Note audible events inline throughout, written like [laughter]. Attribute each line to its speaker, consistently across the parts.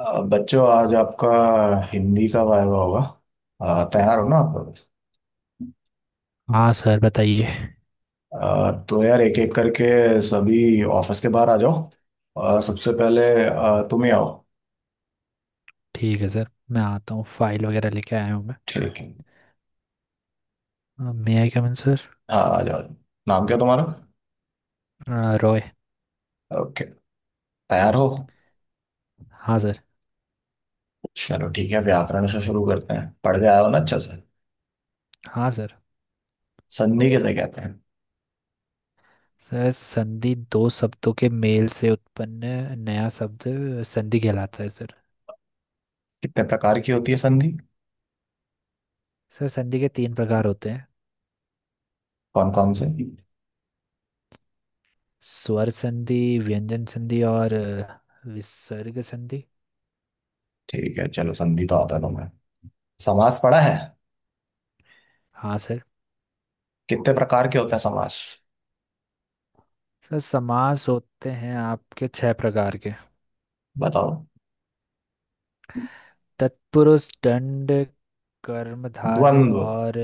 Speaker 1: बच्चों, आज आपका हिंदी का वायवा होगा। तैयार हो ना आप?
Speaker 2: हाँ सर, बताइए।
Speaker 1: तो यार एक एक करके सभी ऑफिस के बाहर आ जाओ। सबसे पहले तुम ही आओ।
Speaker 2: ठीक है सर, मैं आता हूँ। फाइल वगैरह लेके आया हूँ।
Speaker 1: ठीक है।
Speaker 2: मैं मे आई कम इन सर।
Speaker 1: हाँ, आ जाओ। नाम क्या तुम्हारा?
Speaker 2: रॉय।
Speaker 1: ओके। तैयार हो?
Speaker 2: हाँ सर।
Speaker 1: चलो ठीक है, व्याकरण से शुरू करते हैं। पढ़ के आया हो ना अच्छा से?
Speaker 2: हाँ सर।
Speaker 1: संधि किसे कहते हैं?
Speaker 2: सर, संधि दो शब्दों के मेल से उत्पन्न नया शब्द संधि कहलाता है सर।
Speaker 1: कितने प्रकार की होती है संधि?
Speaker 2: सर, संधि के तीन प्रकार होते हैं।
Speaker 1: कौन कौन से?
Speaker 2: स्वर संधि, व्यंजन संधि और विसर्ग संधि।
Speaker 1: ठीक है, चलो संधि तो आता है तुम्हें। समास पढ़ा है?
Speaker 2: हाँ सर।
Speaker 1: कितने प्रकार के होते हैं समास?
Speaker 2: सर, समास होते हैं आपके छह प्रकार के।
Speaker 1: बताओ।
Speaker 2: तत्पुरुष, दंड, कर्मधारय
Speaker 1: द्वंद्व।
Speaker 2: और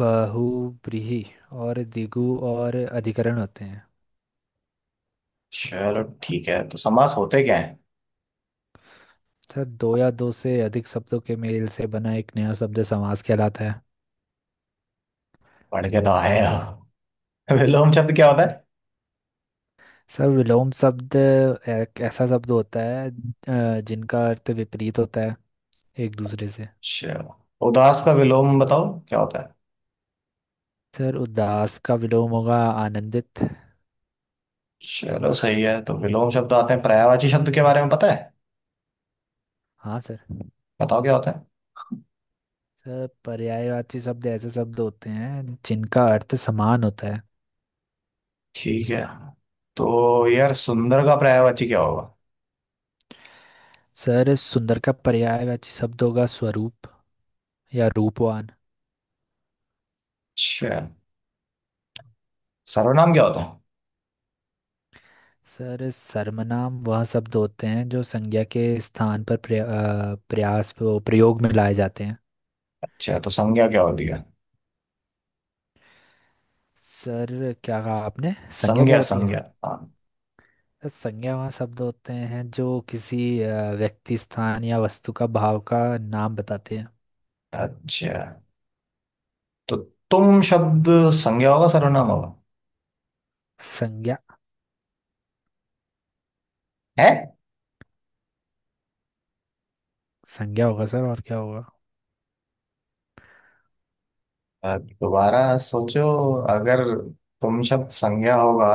Speaker 2: बहुव्रीहि और दिगु और अधिकरण होते हैं।
Speaker 1: चलो ठीक है, तो समास होते क्या है?
Speaker 2: सर, दो या दो से अधिक शब्दों के मेल से बना एक नया शब्द समास कहलाता है।
Speaker 1: पढ़ के तो आए हो। [laughs] विलोम शब्द क्या होता है?
Speaker 2: सर, विलोम शब्द एक ऐसा शब्द होता है जिनका अर्थ विपरीत होता है एक दूसरे से।
Speaker 1: चलो, उदास का विलोम बताओ। क्या होता है?
Speaker 2: सर, उदास का विलोम होगा आनंदित।
Speaker 1: चलो सही है, तो विलोम शब्द आते हैं। पर्यायवाची शब्द के बारे में पता है?
Speaker 2: हाँ सर।
Speaker 1: बताओ क्या होता है।
Speaker 2: सर, पर्यायवाची शब्द ऐसे शब्द होते हैं जिनका अर्थ समान होता है।
Speaker 1: ठीक है। तो यार, सुंदर का पर्यायवाची क्या होगा?
Speaker 2: सर, सुंदर का पर्यायवाची शब्द होगा स्वरूप या रूपवान।
Speaker 1: अच्छा। सर्वनाम क्या होता है?
Speaker 2: सर, सर्वनाम वह शब्द होते हैं जो संज्ञा के स्थान पर प्रया, अ, प्रयास वो प्रयोग में लाए जाते हैं।
Speaker 1: अच्छा, तो संज्ञा क्या होती है?
Speaker 2: सर, क्या कहा आपने? संज्ञा क्या
Speaker 1: संज्ञा
Speaker 2: होती है?
Speaker 1: संज्ञा। हाँ।
Speaker 2: सर, संज्ञा वह शब्द होते हैं जो किसी व्यक्ति, स्थान या वस्तु का, भाव का नाम बताते हैं।
Speaker 1: अच्छा, तो तुम शब्द संज्ञा होगा सर्वनाम होगा?
Speaker 2: संज्ञा।
Speaker 1: है?
Speaker 2: संज्ञा होगा सर, और क्या होगा?
Speaker 1: दोबारा सोचो। अगर तुम शब्द संज्ञा होगा,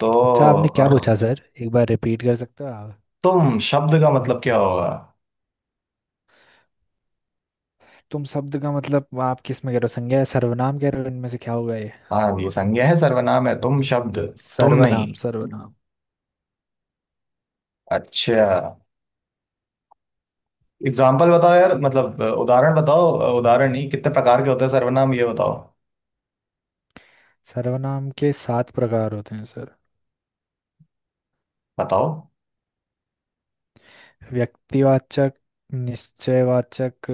Speaker 1: तो
Speaker 2: अच्छा, आपने क्या
Speaker 1: र,
Speaker 2: पूछा सर? एक बार रिपीट कर सकते हो आप?
Speaker 1: तुम शब्द का मतलब क्या होगा?
Speaker 2: तुम शब्द का मतलब आप किस में कह रहे हो, संज्ञा या सर्वनाम कह रहे हो, इनमें से क्या होगा ये?
Speaker 1: हाँ, ये संज्ञा है सर्वनाम है तुम शब्द? तुम नहीं?
Speaker 2: सर्वनाम, सर्वनाम।
Speaker 1: अच्छा। एग्जाम्पल बताओ यार, मतलब उदाहरण बताओ, उदाहरण नहीं, कितने प्रकार के होते हैं सर्वनाम ये बताओ।
Speaker 2: सर्वनाम के सात प्रकार होते हैं सर।
Speaker 1: बताओ।
Speaker 2: व्यक्तिवाचक, निश्चयवाचक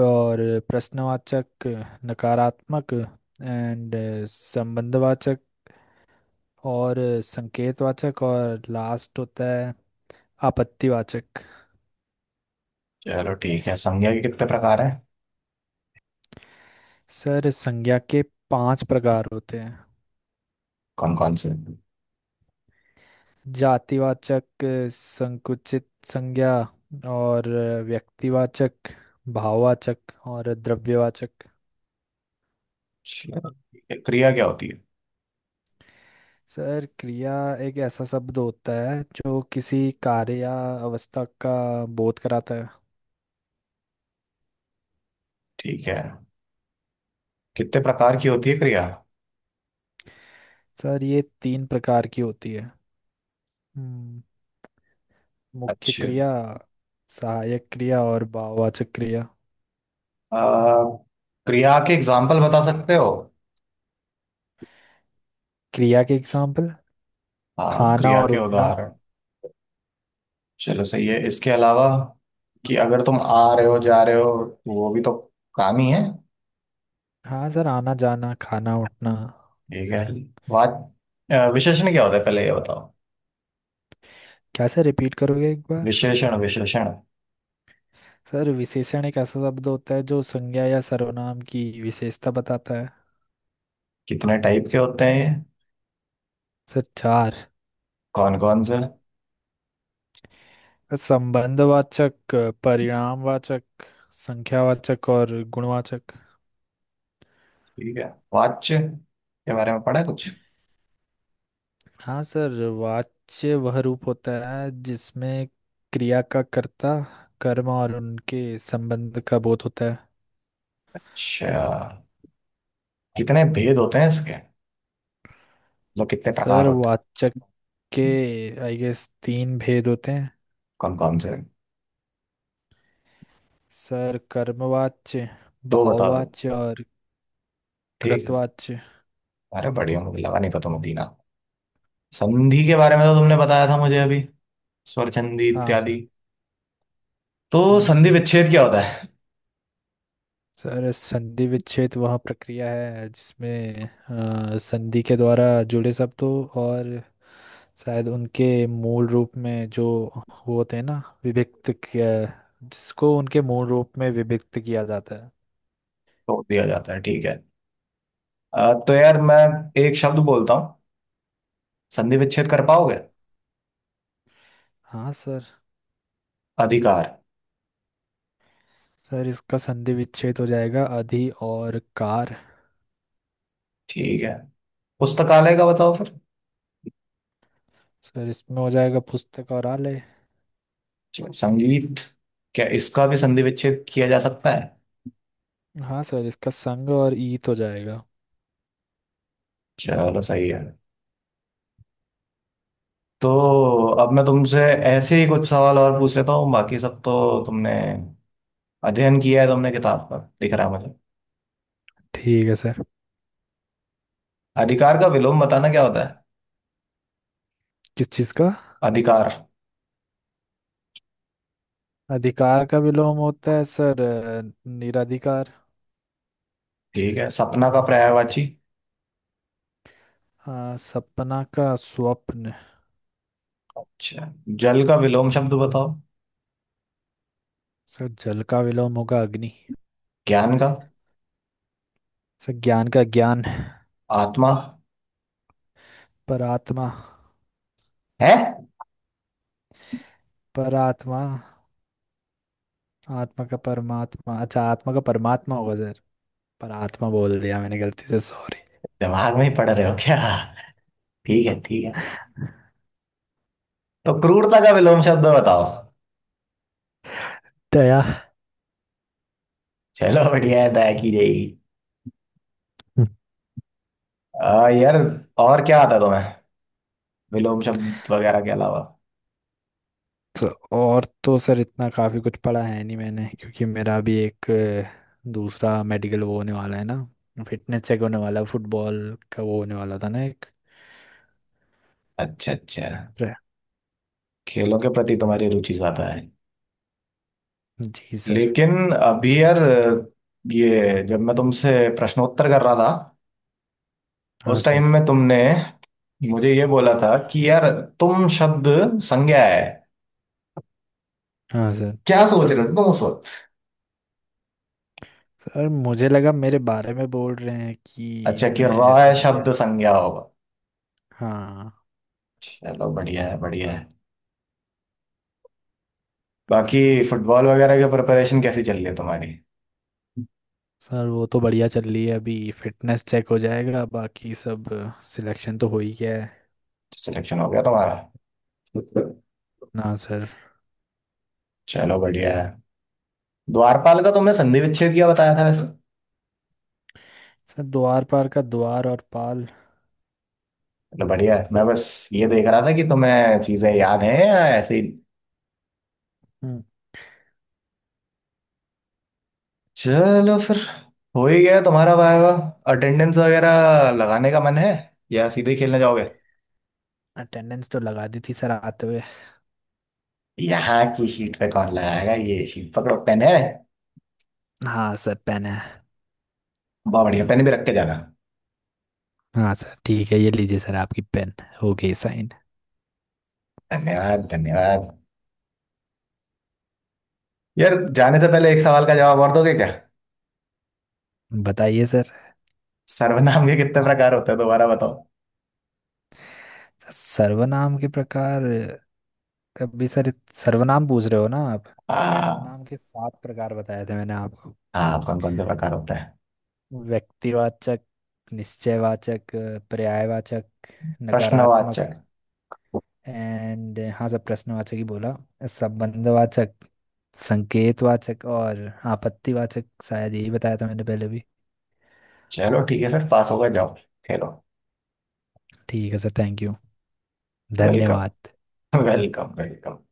Speaker 2: और प्रश्नवाचक, नकारात्मक, एंड संबंधवाचक और संकेतवाचक, और लास्ट होता है आपत्तिवाचक।
Speaker 1: चलो ठीक है, संज्ञा के कितने प्रकार हैं?
Speaker 2: सर, संज्ञा के पांच प्रकार होते हैं।
Speaker 1: कौन कौन से?
Speaker 2: जातिवाचक, संकुचित संज्ञा और व्यक्तिवाचक, भाववाचक और द्रव्यवाचक।
Speaker 1: अच्छा, ठीक है, क्रिया क्या होती है?
Speaker 2: सर, क्रिया एक ऐसा शब्द होता है जो किसी कार्य या अवस्था का बोध कराता है।
Speaker 1: ठीक है। कितने प्रकार की होती है क्रिया?
Speaker 2: सर, ये तीन प्रकार की होती है। हम्म, मुख्य
Speaker 1: अच्छा।
Speaker 2: क्रिया, सहायक क्रिया और भाववाचक क्रिया।
Speaker 1: आ, क्रिया के एग्जाम्पल बता सकते हो?
Speaker 2: क्रिया के एग्जाम्पल,
Speaker 1: हाँ,
Speaker 2: खाना
Speaker 1: क्रिया
Speaker 2: और
Speaker 1: के
Speaker 2: उठना।
Speaker 1: उदाहरण। चलो सही है, इसके अलावा कि अगर तुम आ रहे हो जा रहे हो तो वो भी तो काम ही है।
Speaker 2: हाँ सर, आना, जाना, खाना, उठना।
Speaker 1: ठीक है। बात। विशेषण क्या होता है पहले ये बताओ।
Speaker 2: क्या सर, रिपीट करोगे एक बार?
Speaker 1: विशेषण विशेषण।
Speaker 2: सर, विशेषण एक ऐसा शब्द होता है जो संज्ञा या सर्वनाम की विशेषता बताता है।
Speaker 1: कितने टाइप के होते हैं ये?
Speaker 2: सर, चार।
Speaker 1: कौन कौन से?
Speaker 2: संबंधवाचक, परिणामवाचक, संख्यावाचक और गुणवाचक।
Speaker 1: ठीक है। वाच्य के बारे में पढ़ा है कुछ?
Speaker 2: हाँ सर, वाच्य वह रूप होता है जिसमें क्रिया का कर्ता, कर्म और उनके संबंध का बोध होता है।
Speaker 1: अच्छा। कितने भेद होते हैं इसके? मतलब कितने प्रकार
Speaker 2: सर,
Speaker 1: होते हैं?
Speaker 2: वाचक के आई गेस तीन भेद होते हैं।
Speaker 1: कौन कौन से?
Speaker 2: सर, कर्मवाच्य,
Speaker 1: दो बता दो।
Speaker 2: भाववाच्य और
Speaker 1: ठीक है।
Speaker 2: कृतवाच्य।
Speaker 1: अरे बढ़िया, मुझे लगा नहीं पता मुदीना। संधि के बारे में तो तुमने बताया था मुझे अभी, स्वरचंदी
Speaker 2: हाँ
Speaker 1: इत्यादि।
Speaker 2: सर।
Speaker 1: तो
Speaker 2: हाँ
Speaker 1: संधि
Speaker 2: सर,
Speaker 1: विच्छेद क्या होता है?
Speaker 2: सर संधि विच्छेद वह प्रक्रिया है जिसमें संधि के द्वारा जुड़े शब्दों और शायद उनके मूल रूप में, जो वो होते हैं ना, विभक्त किया, जिसको उनके मूल रूप में विभक्त किया जाता है।
Speaker 1: तोड़ दिया जाता है, ठीक है। तो यार, मैं एक शब्द बोलता हूँ। संधि विच्छेद कर पाओगे?
Speaker 2: हाँ सर।
Speaker 1: अधिकार।
Speaker 2: सर, इसका संधि विच्छेद हो जाएगा अधि और कार।
Speaker 1: ठीक है। पुस्तकालय का बताओ फिर।
Speaker 2: सर, इसमें हो जाएगा पुस्तक और आलय।
Speaker 1: चलो, संगीत। क्या इसका भी संधि विच्छेद किया जा सकता है?
Speaker 2: हाँ सर, इसका संग और ईत हो जाएगा।
Speaker 1: चलो सही है। तो अब मैं तुमसे ऐसे ही कुछ सवाल और पूछ लेता हूँ, बाकी सब तो तुमने अध्ययन किया है, तुमने किताब पर दिख रहा है मुझे।
Speaker 2: ठीक है सर।
Speaker 1: अधिकार का विलोम बताना क्या होता है?
Speaker 2: किस चीज़ का?
Speaker 1: अधिकार।
Speaker 2: अधिकार का विलोम होता है सर, निराधिकार।
Speaker 1: ठीक है। सपना का पर्यायवाची?
Speaker 2: सपना का स्वप्न।
Speaker 1: अच्छा। जल का विलोम शब्द बताओ।
Speaker 2: सर, जल का विलोम होगा अग्नि।
Speaker 1: ज्ञान का?
Speaker 2: सर, ज्ञान का ज्ञान।
Speaker 1: आत्मा।
Speaker 2: पर आत्मा।
Speaker 1: है?
Speaker 2: पर आत्मा। आत्मा का परमात्मा, अच्छा आत्मा का परमात्मा होगा सर, पर आत्मा बोल दिया मैंने गलती से, सॉरी।
Speaker 1: दिमाग में ही पढ़ रहे हो क्या? ठीक है, ठीक है। तो क्रूरता का विलोम शब्द बताओ।
Speaker 2: दया।
Speaker 1: चलो बढ़िया है, दया की जाएगी।
Speaker 2: हम्म।
Speaker 1: यार, और क्या आता है तुम्हें विलोम शब्द वगैरह के अलावा?
Speaker 2: तो, और तो सर इतना काफी कुछ पढ़ा है नहीं मैंने, क्योंकि मेरा भी एक दूसरा मेडिकल वो होने वाला है ना। फिटनेस चेक होने वाला है, फुटबॉल का वो होने वाला था ना एक।
Speaker 1: अच्छा, अच्छा।
Speaker 2: रे-
Speaker 1: खेलों के प्रति तुम्हारी रुचि ज्यादा है।
Speaker 2: जी सर।
Speaker 1: लेकिन अभी यार, ये जब मैं तुमसे प्रश्नोत्तर कर रहा था,
Speaker 2: हाँ
Speaker 1: उस टाइम
Speaker 2: सर।
Speaker 1: में तुमने मुझे ये बोला था कि यार, तुम शब्द संज्ञा है।
Speaker 2: हाँ सर,
Speaker 1: क्या सोच रहे हो तुम उस वक्त?
Speaker 2: सर मुझे लगा मेरे बारे में बोल रहे हैं कि
Speaker 1: अच्छा, कि
Speaker 2: मैं
Speaker 1: रॉय
Speaker 2: संज्ञा।
Speaker 1: शब्द संज्ञा होगा।
Speaker 2: हाँ।
Speaker 1: चलो बढ़िया है, बढ़िया है। बाकी फुटबॉल वगैरह की प्रिपरेशन कैसी चल रही है तुम्हारी?
Speaker 2: सर, वो तो बढ़िया चल रही है अभी। फिटनेस चेक हो जाएगा, बाकी सब। सिलेक्शन तो हो ही गया है।
Speaker 1: सिलेक्शन हो गया तुम्हारा?
Speaker 2: ना सर।
Speaker 1: चलो बढ़िया है। द्वारपाल का तुमने संधि विच्छेद किया बताया था वैसे?
Speaker 2: सर, द्वार पार का द्वार और पाल।
Speaker 1: चलो बढ़िया है, मैं बस ये देख रहा था कि तुम्हें चीजें याद हैं या ऐसे ही।
Speaker 2: हम्म।
Speaker 1: चलो फिर, हो ही गया तुम्हारा वाइवा। अटेंडेंस वगैरह लगाने का मन है या सीधे खेलने जाओगे?
Speaker 2: अटेंडेंस तो लगा दी थी सर आते हुए।
Speaker 1: यहाँ की सीट पे कौन लगाएगा? ये सीट पकड़ो, पेन है?
Speaker 2: हाँ सर, पेन है।
Speaker 1: बहुत बढ़िया, पेन भी रख के जाना।
Speaker 2: हाँ सर, ठीक है, ये लीजिए सर आपकी पेन। हो गई साइन।
Speaker 1: धन्यवाद, धन्यवाद। यार जाने से पहले एक सवाल का जवाब और दोगे क्या?
Speaker 2: बताइए सर।
Speaker 1: सर्वनाम के कितने प्रकार होते हैं दोबारा बताओ।
Speaker 2: सर्वनाम के प्रकार? अभी सर, सर्वनाम पूछ रहे हो ना आप?
Speaker 1: हाँ।
Speaker 2: सर्वनाम के सात प्रकार बताए थे मैंने आपको।
Speaker 1: हाँ, कौन कौन से प्रकार होते हैं?
Speaker 2: व्यक्तिवाचक, निश्चयवाचक, पर्यायवाचक, नकारात्मक,
Speaker 1: प्रश्नवाचक।
Speaker 2: एंड हाँ सब प्रश्नवाचक ही बोला। संबंधवाचक, संकेतवाचक और आपत्तिवाचक, शायद यही बताया था मैंने पहले भी।
Speaker 1: चलो ठीक है, फिर पास हो गए, जाओ। खेलो।
Speaker 2: ठीक है सर, थैंक यू।
Speaker 1: वेलकम,
Speaker 2: धन्यवाद।
Speaker 1: Welcome, welcome.